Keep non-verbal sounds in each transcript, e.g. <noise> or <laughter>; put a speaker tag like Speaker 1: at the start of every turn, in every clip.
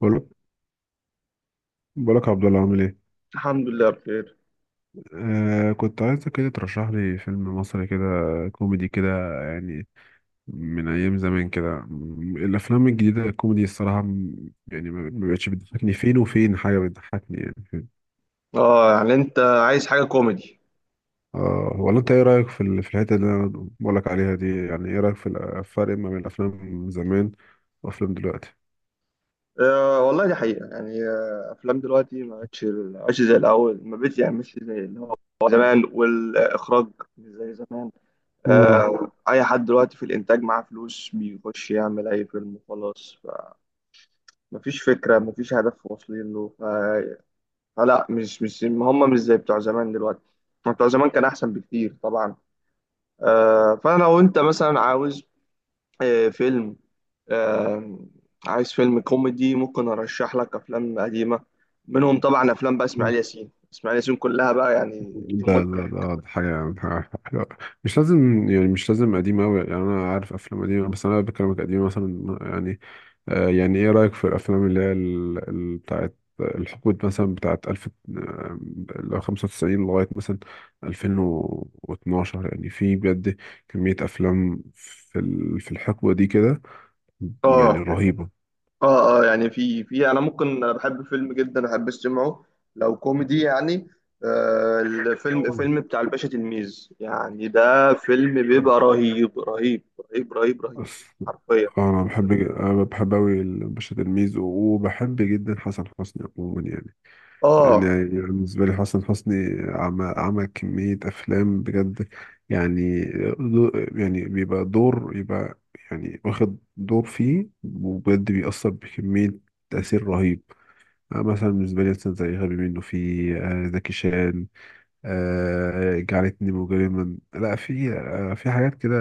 Speaker 1: بقولك بقولك يا عبد الله، عامل ايه؟
Speaker 2: الحمد لله بخير.
Speaker 1: كنت عايزك كده ترشح لي فيلم مصري كده، كوميدي كده يعني، من ايام زمان كده. الافلام الجديده الكوميدي الصراحه، يعني ما بقتش بتضحكني، فين وفين حاجه بتضحكني يعني، فين.
Speaker 2: اه، يعني انت عايز حاجه كوميدي؟
Speaker 1: اه، ولا انت ايه رايك في في الحته اللي انا بقولك عليها دي؟ يعني ايه رايك في الفرق ما بين الافلام زمان وافلام دلوقتي؟
Speaker 2: آه، والله دي حقيقه، يعني افلام دلوقتي ما بقتش زي الاول، ما بقتش يعني مش زي اللي هو زمان، والاخراج مش زي زمان. آه، اي حد دلوقتي في الانتاج معاه فلوس بيخش يعمل اي فيلم وخلاص. مفيش فكره، مفيش هدف واصلين له، فلا مش هم مش زي بتوع زمان دلوقتي. بتوع زمان كان احسن بكتير طبعا. فانا لو انت مثلا عاوز فيلم، آم، عايز فيلم كوميدي ممكن ارشح لك افلام قديمه. منهم طبعا افلام بقى اسماعيل
Speaker 1: امم
Speaker 2: ياسين، اسماعيل ياسين كلها بقى يعني. دي
Speaker 1: ده ده
Speaker 2: متعه.
Speaker 1: ده ده حاجة حلوة. مش لازم يعني، مش لازم قديم أوي، يعني أنا عارف أفلام قديمة، بس أنا بكلمك قديم مثلا يعني، يعني إيه رأيك في الأفلام اللي هي بتاعت الحقبة مثلا، بتاعت ألف لو خمسة وتسعين لغاية مثلا ألفين واتناشر؟ يعني في بجد كمية أفلام في في الحقبة دي كده يعني،
Speaker 2: اه،
Speaker 1: رهيبة.
Speaker 2: اه، اه، يعني في انا ممكن انا بحب فيلم جدا، احب استمعه لو كوميدي يعني. الفيلم
Speaker 1: مم.
Speaker 2: فيلم بتاع الباشا تلميذ، يعني ده فيلم بيبقى رهيب رهيب. رهيب رهيب رهيب.
Speaker 1: بس،
Speaker 2: حرفيا.
Speaker 1: انا بحب اوي باشا تلميذ، وبحب جدا حسن حسني عموما يعني. يعني
Speaker 2: اه،
Speaker 1: يعني بالنسبه لي حسن حسني عمل كميه افلام بجد يعني. دو- يعني بيبقى دور، يبقى يعني واخد دور فيه وبجد بيأثر بكميه، تأثير رهيب. أنا مثلا بالنسبة لي، مثلا زي غبي منه في، زكي شان، جعلتني مجرما، لا في في حاجات كده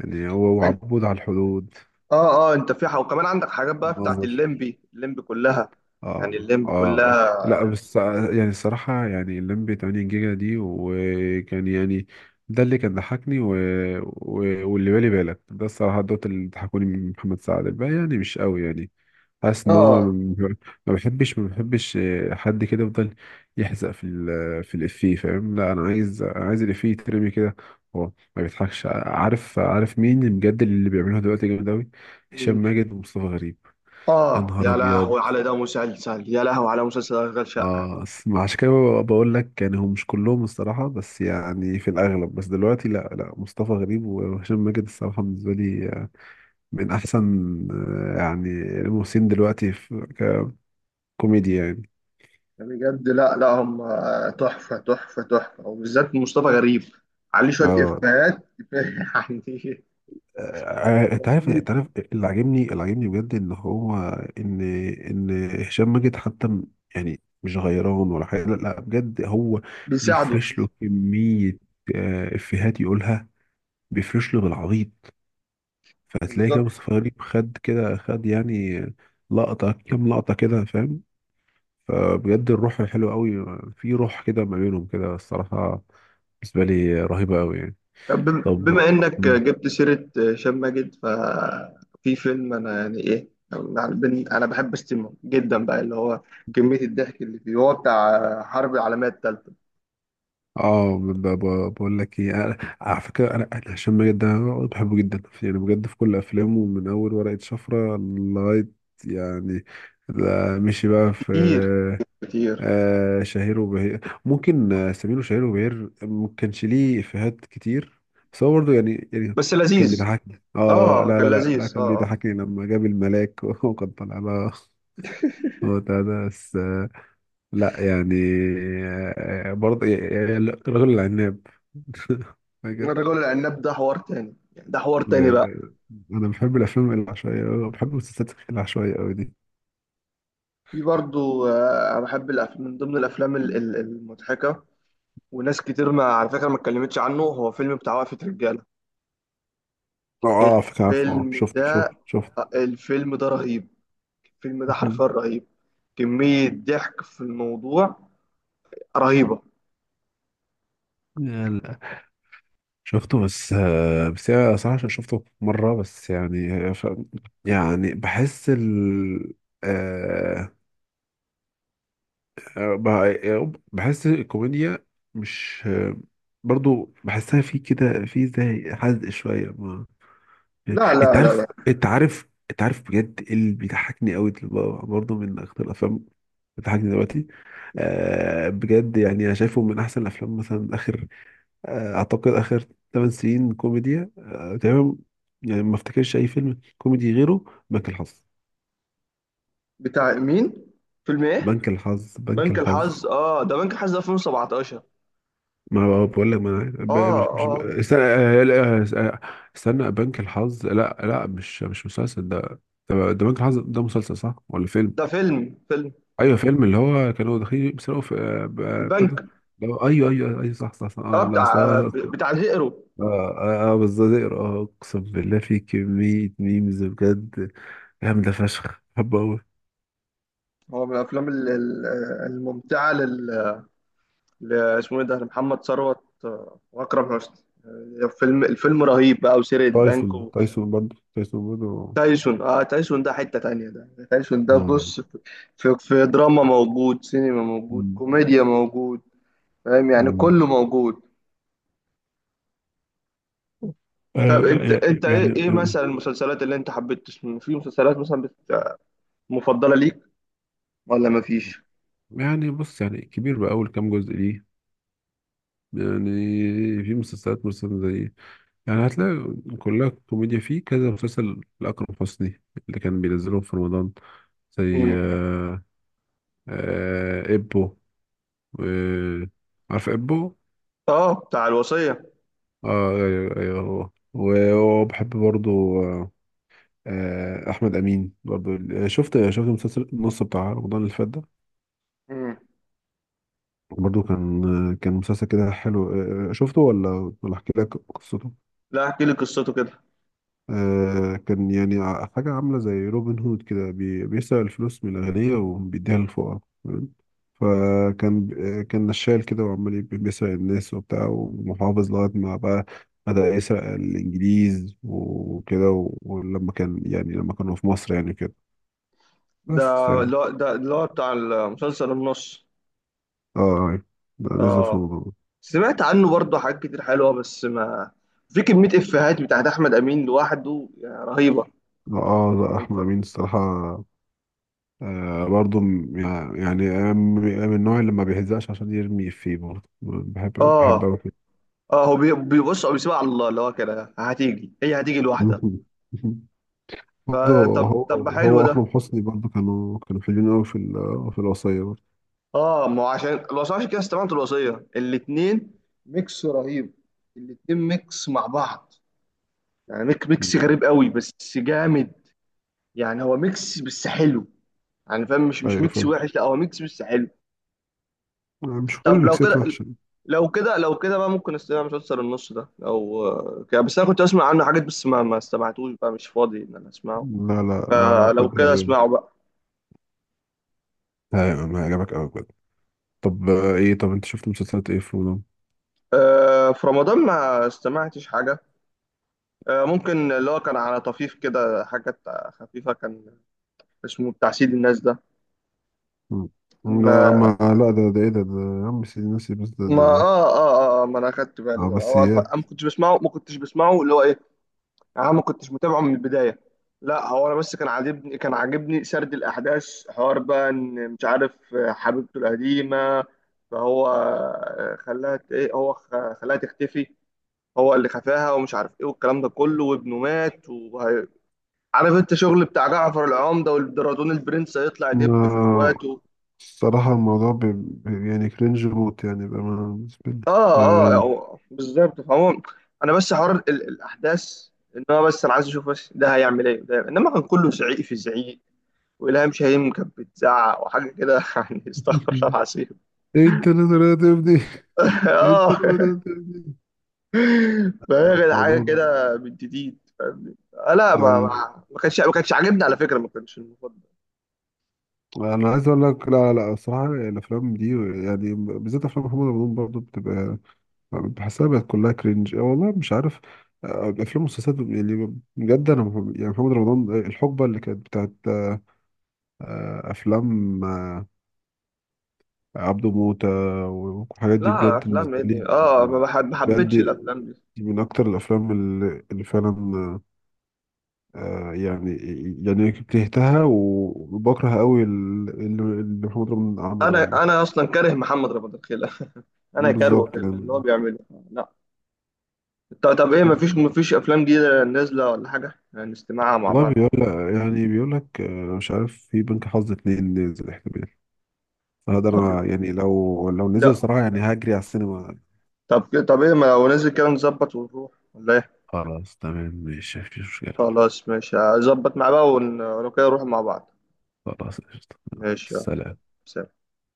Speaker 1: يعني، هو
Speaker 2: انت
Speaker 1: وعبود على الحدود،
Speaker 2: اه اه انت في حق، وكمان عندك حاجات بقى بتاعت
Speaker 1: نظر.
Speaker 2: الليمبي، الليمبي كلها. يعني
Speaker 1: اه،
Speaker 2: الليمبي
Speaker 1: اه.
Speaker 2: كلها.
Speaker 1: لا بس، يعني الصراحة يعني اللمبي 8 جيجا دي وكان يعني، ده اللي كان ضحكني و... واللي بالي بالك ده. الصراحة دوت اللي ضحكوني من محمد سعد، الباقي يعني مش قوي يعني. حاسس ان هو
Speaker 2: اه،
Speaker 1: ما بحبش حد كده يفضل يحزق في في الافيه، فاهم؟ لا انا عايز، انا عايز الافيه يترمي كده هو، ما بيضحكش. عارف مين بجد اللي بيعملها دلوقتي جامد قوي؟ هشام
Speaker 2: مين؟
Speaker 1: ماجد ومصطفى غريب. يا
Speaker 2: اه،
Speaker 1: نهار
Speaker 2: يا
Speaker 1: ابيض.
Speaker 2: لهوي على ده مسلسل، يا لهوي على مسلسل اشغال شقه!
Speaker 1: اه، عشان كده، بقول لك يعني، هم مش كلهم الصراحة، بس يعني في الأغلب، بس دلوقتي لا لا، مصطفى غريب وهشام ماجد الصراحة بالنسبة لي من أحسن يعني الممثلين دلوقتي في كوميديا يعني.
Speaker 2: يعني بجد، لا، لا، هم تحفه تحفه تحفه، وبالذات مصطفى غريب عليه شويه
Speaker 1: اه،
Speaker 2: افيهات. <laughs>
Speaker 1: انت عارف انت
Speaker 2: يعني
Speaker 1: عارف اللي عاجبني بجد، ان هو، ان ان هشام ماجد حتى، يعني مش غيران ولا حاجة، لا لا، بجد هو
Speaker 2: بيساعده.
Speaker 1: بيفرش له كمية إفيهات يقولها، بيفرش له بالعبيط. فهتلاقي كده
Speaker 2: بالظبط.
Speaker 1: مصطفى غريب خد كده، خد يعني لقطة، كام لقطة كده، فاهم؟ فبجد الروح حلوة قوي، في روح كده ما بينهم كده الصراحة، بالنسبة لي رهيبة قوي يعني.
Speaker 2: طب،
Speaker 1: طب.
Speaker 2: بما انك
Speaker 1: مم.
Speaker 2: جبت سيره هشام ماجد، ففي فيلم انا يعني ايه، يعني انا بحب استمه جدا بقى، اللي هو كميه الضحك اللي فيه، هو بتاع حرب العالميه الثالثه.
Speaker 1: اه، بقول لك ايه، على فكرة انا، هشام ماجد ده بحبه جدا يعني، بجد في كل افلامه من اول ورقة شفرة لغاية، يعني ده مشي بقى في
Speaker 2: كتير، كتير.
Speaker 1: شهير وبهير، ممكن سمير وشهير وبهير، ما كانش ليه إفيهات كتير بس هو برضه يعني
Speaker 2: بس
Speaker 1: كان
Speaker 2: لذيذ.
Speaker 1: بيضحكني. اه،
Speaker 2: اه،
Speaker 1: لا
Speaker 2: كان
Speaker 1: لا لا لا
Speaker 2: لذيذ، اه،
Speaker 1: كان
Speaker 2: اه.
Speaker 1: بيضحكني لما جاب الملاك <laughs> وكان طالع بقى هو ده، بس لا يعني، برضه يعني الرجل العناب <laughs> فاكر؟
Speaker 2: الرجل العناب ده حوار تاني، يعني ده حوار تاني
Speaker 1: ده
Speaker 2: بقى.
Speaker 1: ده انا بحب الافلام العشوائيه أوي، بحب المسلسلات العشوائيه قوي دي.
Speaker 2: في برضو، انا بحب الافلام، من ضمن الافلام المضحكه، وناس كتير ما على فكره ما اتكلمتش عنه، هو فيلم بتاع وقفه رجاله.
Speaker 1: اه، فاكر؟ عارفه؟ اه،
Speaker 2: الفيلم
Speaker 1: شفته
Speaker 2: ده،
Speaker 1: شفته شفته
Speaker 2: الفيلم ده رهيب. الفيلم ده حرفيا
Speaker 1: <laughs>
Speaker 2: رهيب. كميه ضحك في الموضوع رهيبه.
Speaker 1: يلا. شفته، بس بس يعني انا صراحة عشان شفته مرة بس يعني، يعني بحس ال، آه، بحس الكوميديا مش، برضو بحسها في كده، في زي حزق شوية ما.
Speaker 2: لا،
Speaker 1: انت
Speaker 2: لا، لا،
Speaker 1: عارف
Speaker 2: لا.
Speaker 1: انت عارف انت عارف بجد إيه اللي بيضحكني قوي؟ برضو من اكتر الافلام اللي بتضحكني دلوقتي، بجد يعني انا شايفه من احسن الافلام مثلا، اخر، اعتقد اخر 8 سنين كوميديا، تمام، يعني ما افتكرش اي فيلم كوميدي غيره. بنك الحظ.
Speaker 2: بتاع مين؟ فيلم ايه؟
Speaker 1: بنك الحظ بنك
Speaker 2: بنك
Speaker 1: الحظ
Speaker 2: الحظ؟ اه، ده بنك الحظ، ده 2017.
Speaker 1: ما هو بقول لك، ما أنا عارف. ب-
Speaker 2: اه،
Speaker 1: مش مش ب-
Speaker 2: اه.
Speaker 1: استنى، لا، استنى، بنك الحظ لا لا، مش مسلسل ده. ده بنك الحظ ده مسلسل صح ولا فيلم؟
Speaker 2: ده فيلم.
Speaker 1: ايوه، فيلم، اللي هو كانوا داخلين بيسرقوا في بتاع
Speaker 2: البنك.
Speaker 1: ده، ايوه ايوه ايوه، صح صح صح،
Speaker 2: اه،
Speaker 1: آه لا صح اه.
Speaker 2: بتاع الهيرو.
Speaker 1: اه، بالظبط، اه اقسم بالله في كمية ميمز بجد جامدة فشخ، بحبه أوي.
Speaker 2: هو من الافلام الممتعه، اسمه ايه ده، لمحمد ثروت واكرم حسني. الفيلم رهيب بقى، وسرقه بنك.
Speaker 1: تايسون برضه، تايسون برضه.
Speaker 2: وتايسون، اه، تايسون ده حته تانية، ده تايسون ده
Speaker 1: مم.
Speaker 2: بص في دراما موجود، سينما موجود،
Speaker 1: مم.
Speaker 2: كوميديا موجود. فاهم؟ يعني
Speaker 1: مم.
Speaker 2: كله موجود.
Speaker 1: آه
Speaker 2: طب انت انت
Speaker 1: يعني
Speaker 2: ايه مثلا المسلسلات اللي انت حبيت تسمع، في مسلسلات مثلا مفضله ليك ولا مفيش؟
Speaker 1: يعني بص، يعني كبير بقى أول كام جزء ليه يعني، في مسلسلات مثلا زي، يعني هتلاقي كلها كوميديا، فيه كذا مسلسل لأكرم حسني اللي كان بينزلهم في رمضان، زي
Speaker 2: مم.
Speaker 1: إبو، آه عارف إبو؟
Speaker 2: اه، بتاع الوصيه.
Speaker 1: أيوه أيوه، هو، وبحب برضه آه، احمد امين برضو. شفت مسلسل النص بتاع رمضان اللي فات ده؟
Speaker 2: مم.
Speaker 1: برضو كان، كان مسلسل كده حلو، شفته ولا ولا احكي لك قصته؟
Speaker 2: لا، احكي لي قصته كده.
Speaker 1: كان يعني حاجه عامله زي روبن هود كده، بيسرق الفلوس من الاغنياء وبيديها للفقراء، تمام؟ فكان، كان نشال كده وعمال، بيسرق الناس وبتاع ومحافظ، لغايه ما بقى بدأ يسرق الإنجليز وكده، ولما كان يعني، لما كانوا في مصر يعني كده،
Speaker 2: ده
Speaker 1: بس يعني،
Speaker 2: اللي هو ده اللي هو بتاع المسلسل النص.
Speaker 1: اه لا، لازم في
Speaker 2: اه،
Speaker 1: الموضوع ده.
Speaker 2: سمعت عنه برضه حاجات كتير حلوة، بس ما. في كمية إفيهات بتاعت أحمد أمين لوحده يعني رهيبة.
Speaker 1: لا اه، لا، احمد امين الصراحه برضو، يعني، أنا من، النوع اللي ما بيهزقش عشان يرمي فيه، برضه بحب، بحب
Speaker 2: اه،
Speaker 1: أوي كده.
Speaker 2: اه، هو بيبص، هو بيسيبها على الله، اللي هو كده هتيجي، هي هتيجي لوحدها.
Speaker 1: <laughs> برضه
Speaker 2: فطب
Speaker 1: هو،
Speaker 2: طب، حلو
Speaker 1: هو
Speaker 2: ده.
Speaker 1: اكرم حسني برضه كانوا حلوين قوي في في الوصيه برضه.
Speaker 2: اه، ما هو عشان الوصية، عشان كده استمعت الوصية الاتنين، ميكس رهيب. الاتنين ميكس مع بعض. يعني ميكس
Speaker 1: مم.
Speaker 2: غريب قوي، بس جامد. يعني هو ميكس بس حلو. يعني فاهم؟ مش
Speaker 1: ايوه،
Speaker 2: ميكس
Speaker 1: فعلا،
Speaker 2: وحش، لا هو ميكس بس حلو.
Speaker 1: مش كل
Speaker 2: طب
Speaker 1: ميكسات وحشه.
Speaker 2: لو كده بقى ممكن استمع مسلسل النص ده لو كده، بس انا كنت اسمع عنه حاجات، بس ما استمعتوش بقى، مش فاضي ان انا اسمعه.
Speaker 1: لا
Speaker 2: فلو
Speaker 1: بجد
Speaker 2: كده اسمعه
Speaker 1: هيعجبك.
Speaker 2: بقى.
Speaker 1: ايوه، ما هيعجبك قوي بجد. طب، ايه، طب انت شفت مسلسلات ايه في رمضان؟
Speaker 2: في رمضان ما استمعتش حاجة. ممكن اللي هو كان على طفيف كده حاجات، خفيفة كان. اسمه بتاع سيد الناس ده.
Speaker 1: مم. ده، ما
Speaker 2: ما
Speaker 1: لا، ده، ده ايه ده ده يا عم، سيدي ناسي، بس ده ده
Speaker 2: ما. اه،
Speaker 1: ده
Speaker 2: اه، اه، ما انا اخدت بالي بقى، هو
Speaker 1: عباسيات،
Speaker 2: أنا ما كنتش بسمعه اللي هو ايه. يعني انا ما كنتش متابعه من البدايه. لا هو انا بس كان عاجبني سرد الاحداث، حوار بقى ان مش عارف حبيبته القديمه. فهو خلاها ايه، هو خلاها تختفي. هو اللي خفاها، ومش عارف ايه والكلام ده كله، وابنه مات وعارف. انت شغل بتاع جعفر العمده، والدرادون البرنس هيطلع يدب في
Speaker 1: ما
Speaker 2: اخواته.
Speaker 1: الصراحة الموضوع، يعني كرنج موت يعني، بأمانة بالنسبة لي، ما
Speaker 2: اه، اه،
Speaker 1: يعني.
Speaker 2: بالظبط، فهو. انا بس حوار الاحداث، ان هو بس انا عايز اشوف بس ده هيعمل ايه، ده انما كان كله زعيق في زعيق. والهام شاهين كانت بتزعق وحاجه كده. <laughs> يعني استغفر الله
Speaker 1: <laughs>
Speaker 2: العظيم. <laughs>
Speaker 1: ايه التنازلات دي، ايه
Speaker 2: اه،
Speaker 1: التنازلات دي؟
Speaker 2: فهي كانت حاجه
Speaker 1: الموضوع،
Speaker 2: كده بنت تيت، فاهمني؟ لا، ما
Speaker 1: لا
Speaker 2: ما ما كانش ما كانش عاجبني على فكره، ما كانش المفضل.
Speaker 1: لا، انا عايز اقول لك، لا لا، الصراحه يعني الافلام دي، يعني بالذات افلام محمد رمضان برضو بتبقى، بحسها بقت كلها كرنج. أه والله مش عارف، الافلام والمسلسلات يعني بجد انا، يعني محمد رمضان الحقبه اللي كانت بتاعت افلام عبده موتة والحاجات دي،
Speaker 2: لا،
Speaker 1: بجد
Speaker 2: افلام ايه
Speaker 1: بالنسبة لي
Speaker 2: دي، اه، ما
Speaker 1: بجد
Speaker 2: حبيتش الافلام دي.
Speaker 1: دي من أكتر الأفلام اللي فعلا آه، يعني يعني كرهتها. وبكره قوي اللي محمد رمضان عمله ده
Speaker 2: انا
Speaker 1: والله.
Speaker 2: انا اصلا كاره محمد رمضان خيلة. <laughs> انا كارهه
Speaker 1: بالظبط
Speaker 2: خيلة من
Speaker 1: يعني.
Speaker 2: اللي هو بيعمله. لا. طب طب، ايه، ما فيش افلام جديده نازله ولا حاجه نستمعها مع
Speaker 1: والله،
Speaker 2: بعض،
Speaker 1: بيقول
Speaker 2: ولا إيه؟
Speaker 1: لك، يعني بيقول لك مش عارف في بنك حظ اتنين نزل احتمال، فهذا
Speaker 2: طب.
Speaker 1: أنا يعني، لو نزل
Speaker 2: لا.
Speaker 1: صراحة يعني هجري على السينما.
Speaker 2: طب طب، ايه، ما لو نازل كده نظبط ونروح، ولا ايه؟
Speaker 1: خلاص، تمام، ماشي، مفيش مشكلة.
Speaker 2: خلاص، ماشي، هظبط مع بقى، ولو كده نروح مع بعض.
Speaker 1: خلاص، قشطة.
Speaker 2: ماشي، يلا.
Speaker 1: سلام.
Speaker 2: سلام.